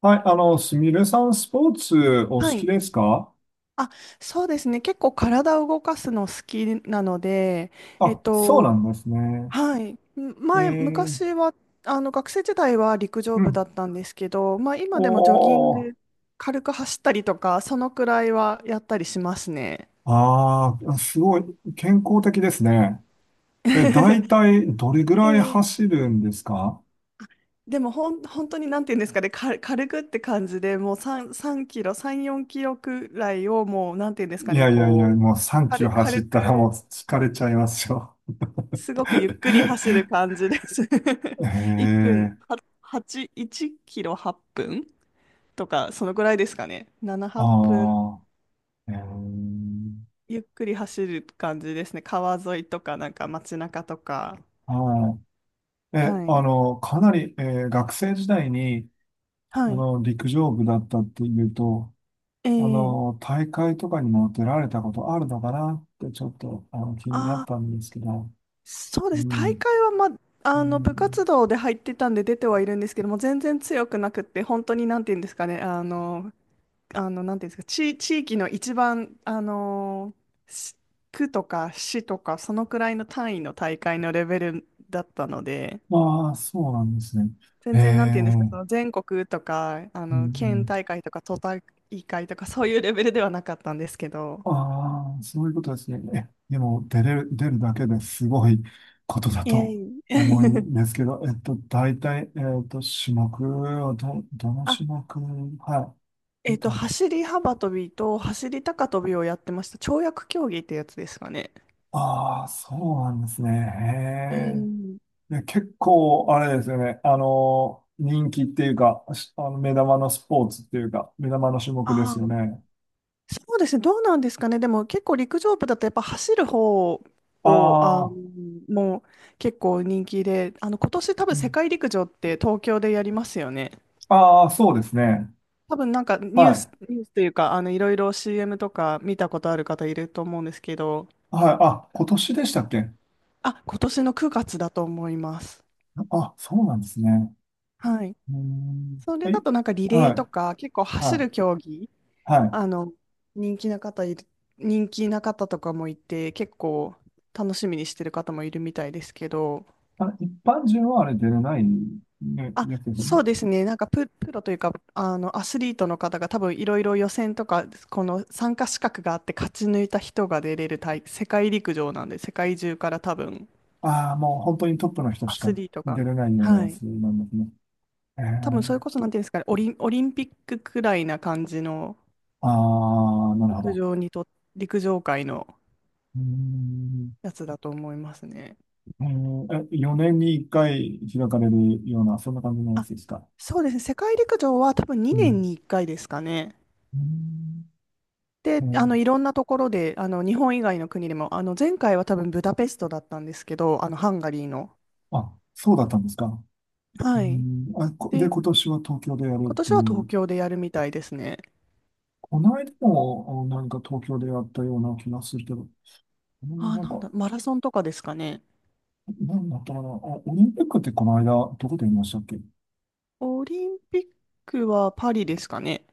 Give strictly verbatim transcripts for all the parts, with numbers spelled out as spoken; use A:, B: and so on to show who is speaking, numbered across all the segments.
A: はい、あの、すみれさん、スポーツお好
B: は
A: き
B: い。
A: ですか？
B: あ、そうですね。結構体を動かすの好きなので、えっ
A: あ、そう
B: と、
A: なんですね。
B: はい。
A: え
B: 前、
A: ー、
B: 昔は、あの、学生時代は陸上
A: う
B: 部だ
A: ん。
B: ったんですけど、まあ今でもジョギン
A: お
B: グ、
A: ー、
B: 軽く走ったりとか、そのくらいはやったりしますね。
A: ああすごい、健康的ですね。え、大体、どれぐ
B: え
A: らい
B: え
A: 走るんですか？
B: でもほん、本当になんていうんですかね、か、軽くって感じで、もうさん、さんキロ、さん、よんキロくらいをもう、なんていうんです
A: い
B: かね、
A: やいやいや、
B: こう、
A: もうさんキロ
B: 軽、
A: 走っ
B: 軽
A: たらもう
B: く
A: 疲れちゃいますよ。
B: すごくゆ っくり走る感じです。
A: え
B: いっぷん、
A: ー、
B: は、はち、いちキロはっぷんとか、そのぐらいですかね。なな、はっぷん、
A: あー、えー、
B: ゆっくり走る感じですね。川沿いとか、なんか街中とか。
A: はい。え、
B: は
A: あ
B: い。
A: の、かなり、えー学生時代に、あ
B: はい。
A: の、陸上部だったっていうと、
B: え
A: あ
B: ー、
A: の、大会とかにも出られたことあるのかなってちょっとあの気にな
B: あ
A: っ
B: ー、
A: たんですけど、
B: そう
A: う
B: です。大
A: ん。
B: 会は、ま、
A: う
B: あの、部活
A: ん、
B: 動で入ってたんで出てはいるんですけども、全然強くなくって、本当になんて言うんですかね、あの、あの、なんていうんですか、地、地域の一番、あのーし区とか市とか、そのくらいの単位の大会のレベルだったので、
A: まあ、そうなんですね。え
B: 全
A: え、
B: 然、なんていうんで
A: う
B: すか、そ
A: ん
B: の全国とか、あ
A: う
B: の、県
A: ん。
B: 大会とか、都大会とか、そういうレベルではなかったんですけど。
A: ああ、そういうことですね。え、でも、出れる、出るだけですごいことだ
B: いえ
A: と
B: いえ。
A: 思うん ですけど、えっと、大体、えっと、種目をど、どの
B: あ、
A: 種目、はい、
B: え
A: 出
B: っと、
A: たんです。
B: 走り幅跳びと走り高跳びをやってました。跳躍競技ってやつですかね。
A: ああ、そうなんですね。
B: うん、
A: へね、結構、あれですよね。あの、人気っていうか、しあの目玉のスポーツっていうか、目玉の種目で
B: あ、
A: すよね。
B: そうですね、どうなんですかね、でも結構陸上部だとやっぱ走る方をあ
A: あ
B: の
A: あ、
B: もう結構人気で、あの今年多
A: う
B: 分世
A: ん、
B: 界陸上って東京でやりますよね。
A: ああ、そうですね。
B: 多分なんかニュ
A: は
B: ース、
A: い。
B: ニュースというか、あのいろいろ シーエム とか見たことある方いると思うんですけど、
A: はい。あ、今年でしたっけ？
B: あ、今年のくがつだと思います。
A: あ、そうなんですね。
B: はい。
A: うーん。
B: それ
A: は
B: だ
A: い。
B: となんかリレ
A: は
B: ーと
A: い。
B: か結構
A: は
B: 走る
A: い。
B: 競技、
A: はい。
B: あの人気な方いる、人気な方とかもいて結構楽しみにしてる方もいるみたいですけど、
A: あ、一般人はあれ出れない、ね、
B: あ、
A: やつですよね。
B: そうですね。なんかプ、プロというか、あの、アスリートの方が多分いろいろ予選とか、この参加資格があって勝ち抜いた人が出れる大、世界陸上なんで、世界中から多分
A: ああ、もう本当にトップの人
B: ア
A: しか
B: スリートが、
A: 出れないような
B: は
A: や
B: い。
A: つなんですね。え
B: 多分そ
A: ー、
B: れこそ、なんていうんですかね、オリン、オリンピックくらいな感じの
A: ああ、なるほ
B: 陸
A: ど。
B: 上にと、陸上界の
A: うーん、
B: やつだと思いますね。
A: えー、えよねんにいっかい開かれるような、そんな感じのやつ
B: あ、
A: ですか。
B: そうですね。世界陸上は多分
A: う
B: にねん
A: ん。
B: にいっかいですかね。
A: うん、え
B: で、あ
A: ー
B: の、いろんなところで、あの、日本以外の国でも、あの、前回は多分ブダペストだったんですけど、あの、ハンガリーの。
A: あ、そうだったんですか。う
B: はい。
A: ん、あ、こで、
B: で、
A: 今年は東京でやるっ
B: 今
A: て
B: 年は
A: い
B: 東
A: う。
B: 京でやるみたいですね。
A: この間もあなんか東京でやったような気がするけど、うん、
B: あ
A: な
B: ー、
A: ん
B: なん
A: か、
B: だ、マラソンとかですかね。
A: なんだったかな。あ、オリンピックってこの間、どこでやりましたっけ？
B: オリンピックはパリですかね。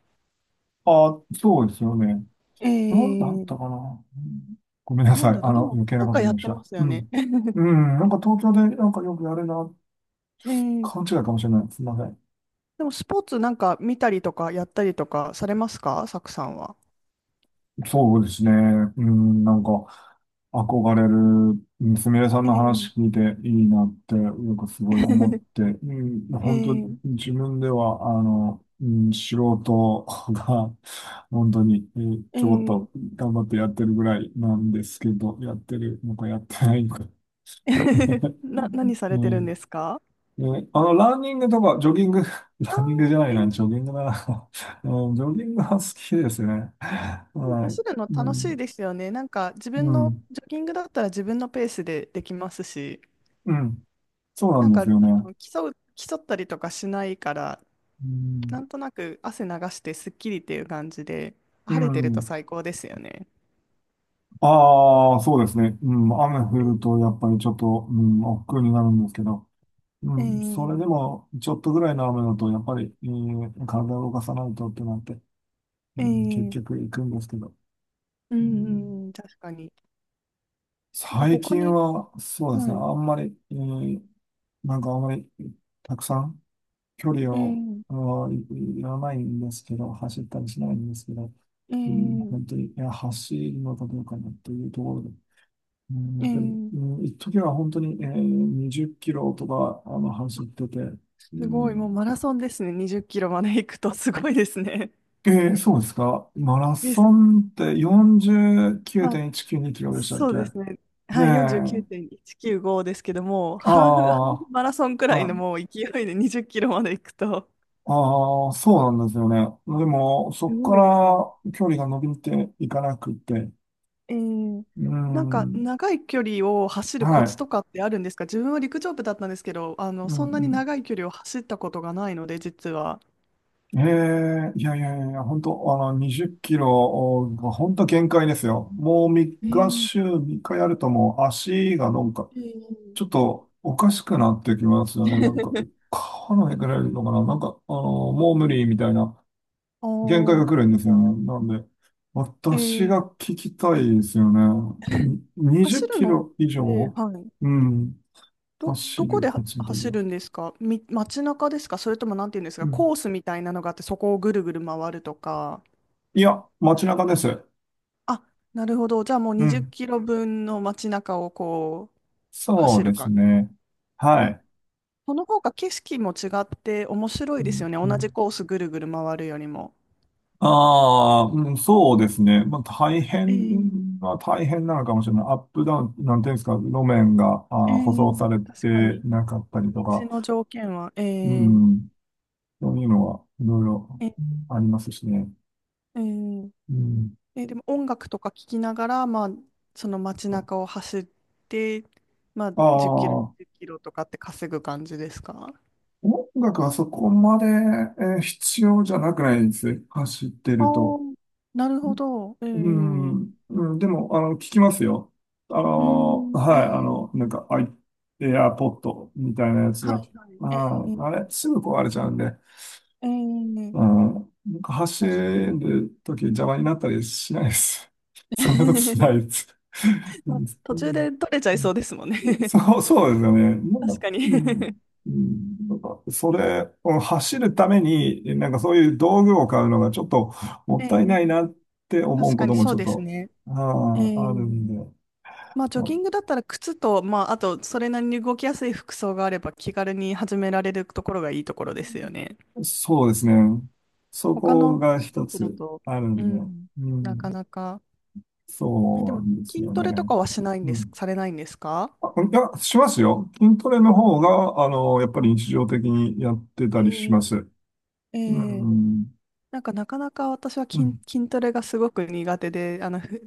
A: あ、そうですよね。
B: え
A: なんだった
B: ー、
A: かな。うん、ごめんな
B: なん
A: さい。
B: だろ
A: あ
B: う、で
A: の、
B: も、
A: 余計な
B: なん
A: こ
B: か
A: と言い
B: やっ
A: まし
B: て
A: た。
B: ます
A: う
B: よね。
A: ん。うん、なんか東京でなんかよくやるな、
B: えー、
A: 勘違いかもしれない。すみません。
B: でも、スポーツなんか見たりとか、やったりとかされますか、サクさんは？
A: そうですね。うん、なんか、憧れる、うん、すみれさん
B: え
A: の
B: ー、
A: 話聞いていいなって、なんかすごい思っ て、うん、
B: え
A: 本当、
B: ー、
A: 自分では、あの、うん、素人が、本当に、えー
B: え
A: ちょこっ
B: ー、
A: と頑張ってやってるぐらいなんですけど、やってるのかやってないのか。
B: な、何さ
A: う
B: れてるん
A: ん。
B: ですか？
A: ね、あの、ランニングとか、ジョギング、
B: あ
A: ランニングじゃな
B: あ
A: い
B: ー
A: な、ジ
B: え
A: ョギングだな。うん、ジョギングは好きですね。
B: でも
A: はい。
B: 走るの
A: う
B: 楽しい
A: ん、
B: ですよね。なんか自
A: う
B: 分の
A: ん、
B: ジョギングだったら自分のペースでできますし、
A: うん。そうな
B: なん
A: ん
B: か
A: で
B: あ
A: すよね。
B: の競う、競ったりとかしないから、
A: う
B: な
A: ん。
B: んとなく汗流してすっきりっていう感じで、
A: う
B: 晴れてると
A: ん。
B: 最高ですよね。
A: ああ、そうですね。うん。雨降ると、やっぱりちょっと、うん、億劫になるんですけど、う
B: え
A: ん。それ
B: ー、
A: でも、ちょっとぐらいの雨だと、やっぱり、えー体を動かさないとってなって、う
B: え
A: ん、結
B: ー、
A: 局行くんですけど、
B: う
A: うん。
B: ん、うん、確かに。なんか
A: 最
B: 他
A: 近
B: に、
A: は、そうです
B: は
A: ね。
B: い、
A: あんまり、えーなんかあんまり、たくさん、距離
B: え
A: を、
B: ー、
A: あのい言わないんですけど、走ったりしないんですけど、
B: え
A: うん、
B: ー、
A: 本当に、いや、走るのかどうかなというところで、うん、
B: え
A: 本当に、
B: ー、
A: うん、一時は本当に、えー、にじゅっキロとか、あの、走ってて、う
B: すごい、もう
A: ん、
B: マラソンですね。にじゅっキロまで行くとすごいですね。
A: えー、そうですか。マラ
B: で
A: ソ
B: す。
A: ンって49.192
B: まあ、
A: キロでしたっ
B: そ
A: け？
B: うですね。
A: で、
B: はい、
A: あ
B: よんじゅうきゅうてんいちきゅうごですけども、
A: あ、
B: ハーフ、ハーフマラソンくらい
A: は
B: の
A: い。
B: もう勢いでにじゅっキロまで行くと、
A: ああ、そうなんですよね。でも、そ
B: す
A: こ
B: ごいですね。
A: から距離が伸びていかなくて、
B: えー、
A: う
B: なんか
A: ん。
B: 長い距離を走るコ
A: は
B: ツ
A: い。
B: とかってあるんですか？自分は陸上部だったんですけど、あの、
A: うんう
B: そんなに
A: ん、
B: 長い距離を走ったことがないので、実は。
A: ええ、いやいやいやいや、本当あの、にじゅっキロが本当限界ですよ。もう3
B: え
A: 日、
B: ー、
A: 週みっかやるともう足がなんか、
B: え
A: ちょっ
B: ー
A: とおかしくなってきますよね。なんか、離れくれるのかな、なんか、あの、もう無理みたいな
B: あ
A: 限界が
B: ー
A: 来るんですよね。なんで、
B: え
A: 私
B: ー
A: が聞きたいですよね。に20
B: 走
A: キ
B: るのっ
A: ロ以
B: て、
A: 上、
B: はい。
A: うん、
B: ど、ど
A: 走
B: こ
A: る、
B: で
A: こ
B: は
A: っちで
B: 走
A: も。
B: るんですか？み、街中ですか？それともなんていうんです
A: う
B: かコ
A: ん。
B: ースみたいなのがあってそこをぐるぐる回るとか。
A: いや、街中です。
B: あ、なるほど。じゃあもう
A: う
B: 20キ
A: ん。
B: ロ分の街中をこう
A: そ
B: 走
A: う
B: る
A: です
B: か。
A: ね。は
B: まあ、
A: い。
B: その方が景色も違って面白
A: う
B: いです
A: ん
B: よね。
A: う
B: 同じ
A: ん、
B: コースぐるぐる回るよりも。
A: ああ、うん、そうですね。まあ、大
B: え
A: 変
B: え
A: は大変なのかもしれない。アップダウン、なんていうんですか、路面が、
B: え
A: あー、舗
B: え、
A: 装され
B: 確か
A: て
B: に。
A: なかったりと
B: 道
A: か、
B: の条件は、え
A: う
B: え
A: ん、そういうのはいろいろ
B: ええ
A: ありますしね。
B: ええ
A: うん、
B: え、でも音楽とか聞きながら、まあ、その街中を走って、まあ、
A: あ
B: じゅっキロ、
A: あ、
B: いちキロとかって稼ぐ感じですか？
A: 音楽はそこまで、えー必要じゃなくないです。走って
B: ああ
A: ると。
B: ー、なるほど。ええ、
A: う
B: う
A: ん、うん、でも、あの、聞きますよ。あの、
B: ーん、
A: はい、あ
B: え
A: の、
B: え、
A: なんか、アイ、エアポッドみたいなやつ
B: は
A: が、
B: いはい、え
A: あ、あれ、
B: え
A: すぐ壊れちゃうんで、
B: ええ、
A: うん、なんか走
B: 確かに。
A: るとき邪魔になったりしないです。そんなことしな いです。う
B: まあ、
A: ん、
B: 途
A: う
B: 中で
A: ん、
B: 取れちゃいそうですもんね。
A: そう、そうですよね。なん
B: 確
A: か、
B: か
A: う
B: に。
A: ん、うん、なんか、それを走るために、なんかそういう道具を買うのがちょっと も
B: え
A: ったいない
B: え、
A: なって思
B: 確
A: う
B: か
A: こ
B: に
A: とも
B: そ
A: ち
B: う
A: ょっ
B: です
A: と、
B: ね。
A: あ
B: え
A: あ、ある
B: え、
A: んで、
B: まあ、ジョギ
A: あ、
B: ングだったら靴と、まあ、あと、それなりに動きやすい服装があれば気軽に始められるところがいいところですよね。
A: そうですね。そ
B: 他
A: こ
B: の
A: が
B: スポ
A: 一
B: ーツだ
A: つ
B: と、
A: ある
B: う
A: んで、
B: ん、
A: う
B: なか
A: ん、
B: なか。え、で
A: そう
B: も、
A: なんです
B: 筋
A: よ
B: トレと
A: ね。
B: かはしないん
A: う
B: です、
A: ん。
B: されないんですか？
A: あ、いや、しますよ。筋トレの
B: お
A: 方が、あの、やっぱり日常的にやって
B: え
A: たりし
B: ー
A: ます。
B: え
A: う
B: ー
A: ん。
B: なんか、なかなか私は
A: う
B: 筋、
A: ん。
B: 筋トレがすごく苦手で、あの、ふ、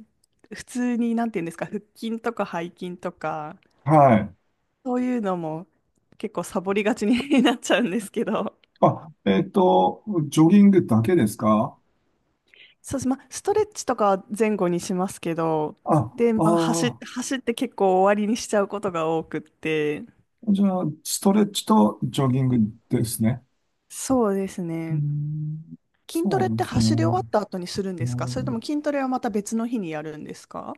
B: 普通に、なんていうんですか、腹筋とか背筋とか、
A: はい。
B: そういうのも結構サボりがちに なっちゃうんですけど。
A: あ、えっと、ジョギングだけですか？
B: そうです。まあ、ストレッチとかは前後にしますけど、
A: あ、
B: で、まあ、走、
A: あ
B: 走って結構終わりにしちゃうことが多くって、
A: あ、じゃあ、ストレッチとジョギングですね。
B: そうです
A: うー
B: ね。
A: ん、そ
B: 筋ト
A: う
B: レっ
A: なん
B: て
A: です
B: 走り終わっ
A: ね。
B: た後にするん
A: う
B: ですか？それとも
A: ん、
B: 筋トレはまた別の日にやるんですか？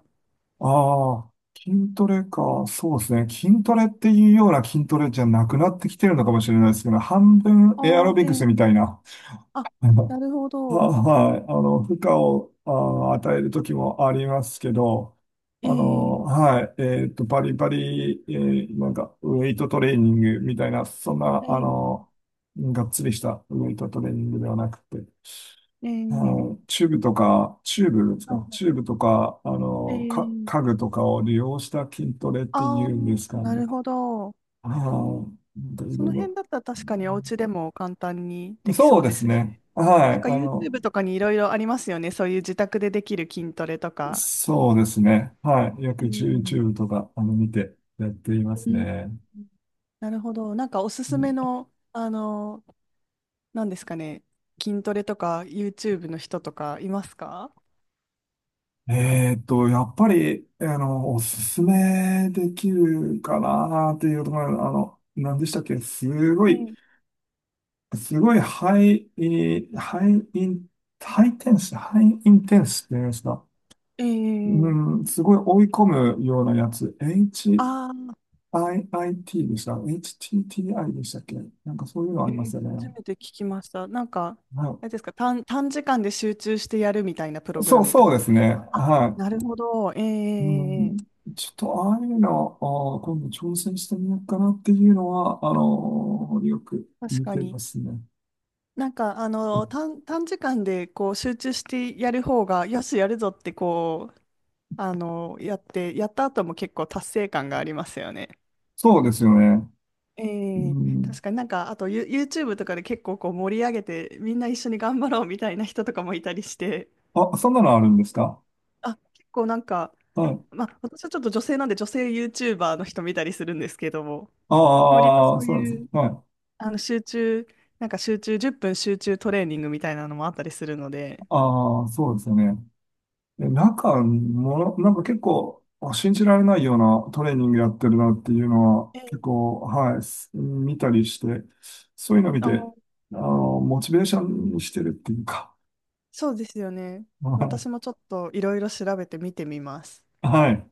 A: ああ、筋トレか。そうですね。筋トレっていうような筋トレじゃなくなってきてるのかもしれないですけど、半分エアロ
B: あ
A: ビ
B: ー
A: クスみたい
B: ええ、
A: な。
B: あ、な るほ
A: あ、
B: ど。
A: はい。あの、負荷を、あ、与える時もありますけど、あ
B: え
A: の、
B: え
A: はい。えっと、バリバリ、えーなんか、ウェイトトレーニングみたいな、そんな、
B: ええ
A: あの、がっつりしたウェイトトレーニングではなくて、あ
B: ええ、
A: の、チューブとか、チューブです
B: は
A: か、
B: い、
A: チューブとか、あの、か、
B: え
A: 家
B: え、
A: 具とかを利用した筋トレって
B: あ
A: い
B: あ
A: うんで
B: ー、
A: すか
B: な
A: ね。
B: るほど。
A: はい。なんかい
B: そ
A: ろい
B: の
A: ろ。
B: 辺だったら確かにお家でも簡単にでき
A: そ
B: そ
A: う
B: う
A: で
B: で
A: す
B: すし、
A: ね。は
B: なん
A: い。あ
B: か
A: の、
B: YouTube とかにいろいろありますよね。そういう自宅でできる筋トレとか。
A: そうですね。はい。約
B: うん、
A: ユーチューブ とか、あの、見てやっていま
B: う
A: す
B: ん、
A: ね。
B: なるほど。なんかおす
A: う
B: すめ
A: ん、
B: の、あの、なんですかね、筋トレとか YouTube の人とかいますか？
A: えーっと、やっぱり、あの、おすすめできるかなっていうところ、あの、何でしたっけ？すご
B: え
A: い、すごいハイ、えーハイイン、ハイテンス、ハイインテンスって言いますか？
B: え、ええ、
A: うん、すごい追い込むようなやつ。
B: ああー、
A: エイチアイアイティー でした？ エイチティーティーアイ でしたっけ？なんかそういうのあ
B: え
A: りま
B: え、
A: すよね。
B: 初めて聞きました。なんか、
A: はい、
B: あれですか、短、短時間で集中してやるみたいなプログ
A: そ
B: ラ
A: う、
B: ムって
A: そう
B: こ
A: で
B: と
A: す
B: ですか？
A: ね。
B: あ、
A: は
B: なるほど。ええ
A: い。う
B: えええ
A: ん、
B: え、
A: ちょっとああいうの、あー今度挑戦してみようかなっていうのは、あのーよく
B: 確
A: 見
B: か
A: て
B: に。
A: ますね。
B: なんか、あの、短、短時間でこう集中してやる方が、よし、やるぞってこう、あの、やって、やった後も結構達成感がありますよね。
A: そうですよね。う
B: ええ、確
A: ん、
B: かになんか、あと、ユ、YouTube とかで結構こう盛り上げて、みんな一緒に頑張ろうみたいな人とかもいたりして、
A: あ、そんなのあるんですか？
B: あ、結構なんか、
A: はい。
B: まあ、私はちょっと女性なんで女性 YouTuber の人見たりするんですけども、割と
A: ああ、
B: そう
A: そうです。
B: いう、
A: はい。
B: あの、集中、なんか集中、じゅっぷん集中トレーニングみたいなのもあったりするので、
A: ああ、そうですよね。え、なんか、もの、なんか結構、あ、信じられないようなトレーニングやってるなっていうのは、
B: ええ
A: 結構、はい、す見たりして、そういうの見
B: あ
A: て、
B: ー
A: あの、モチベーションにしてるっていうか、
B: そうですよね。
A: あ、はい。
B: 私もちょっといろいろ調べて見てみます。
A: はい。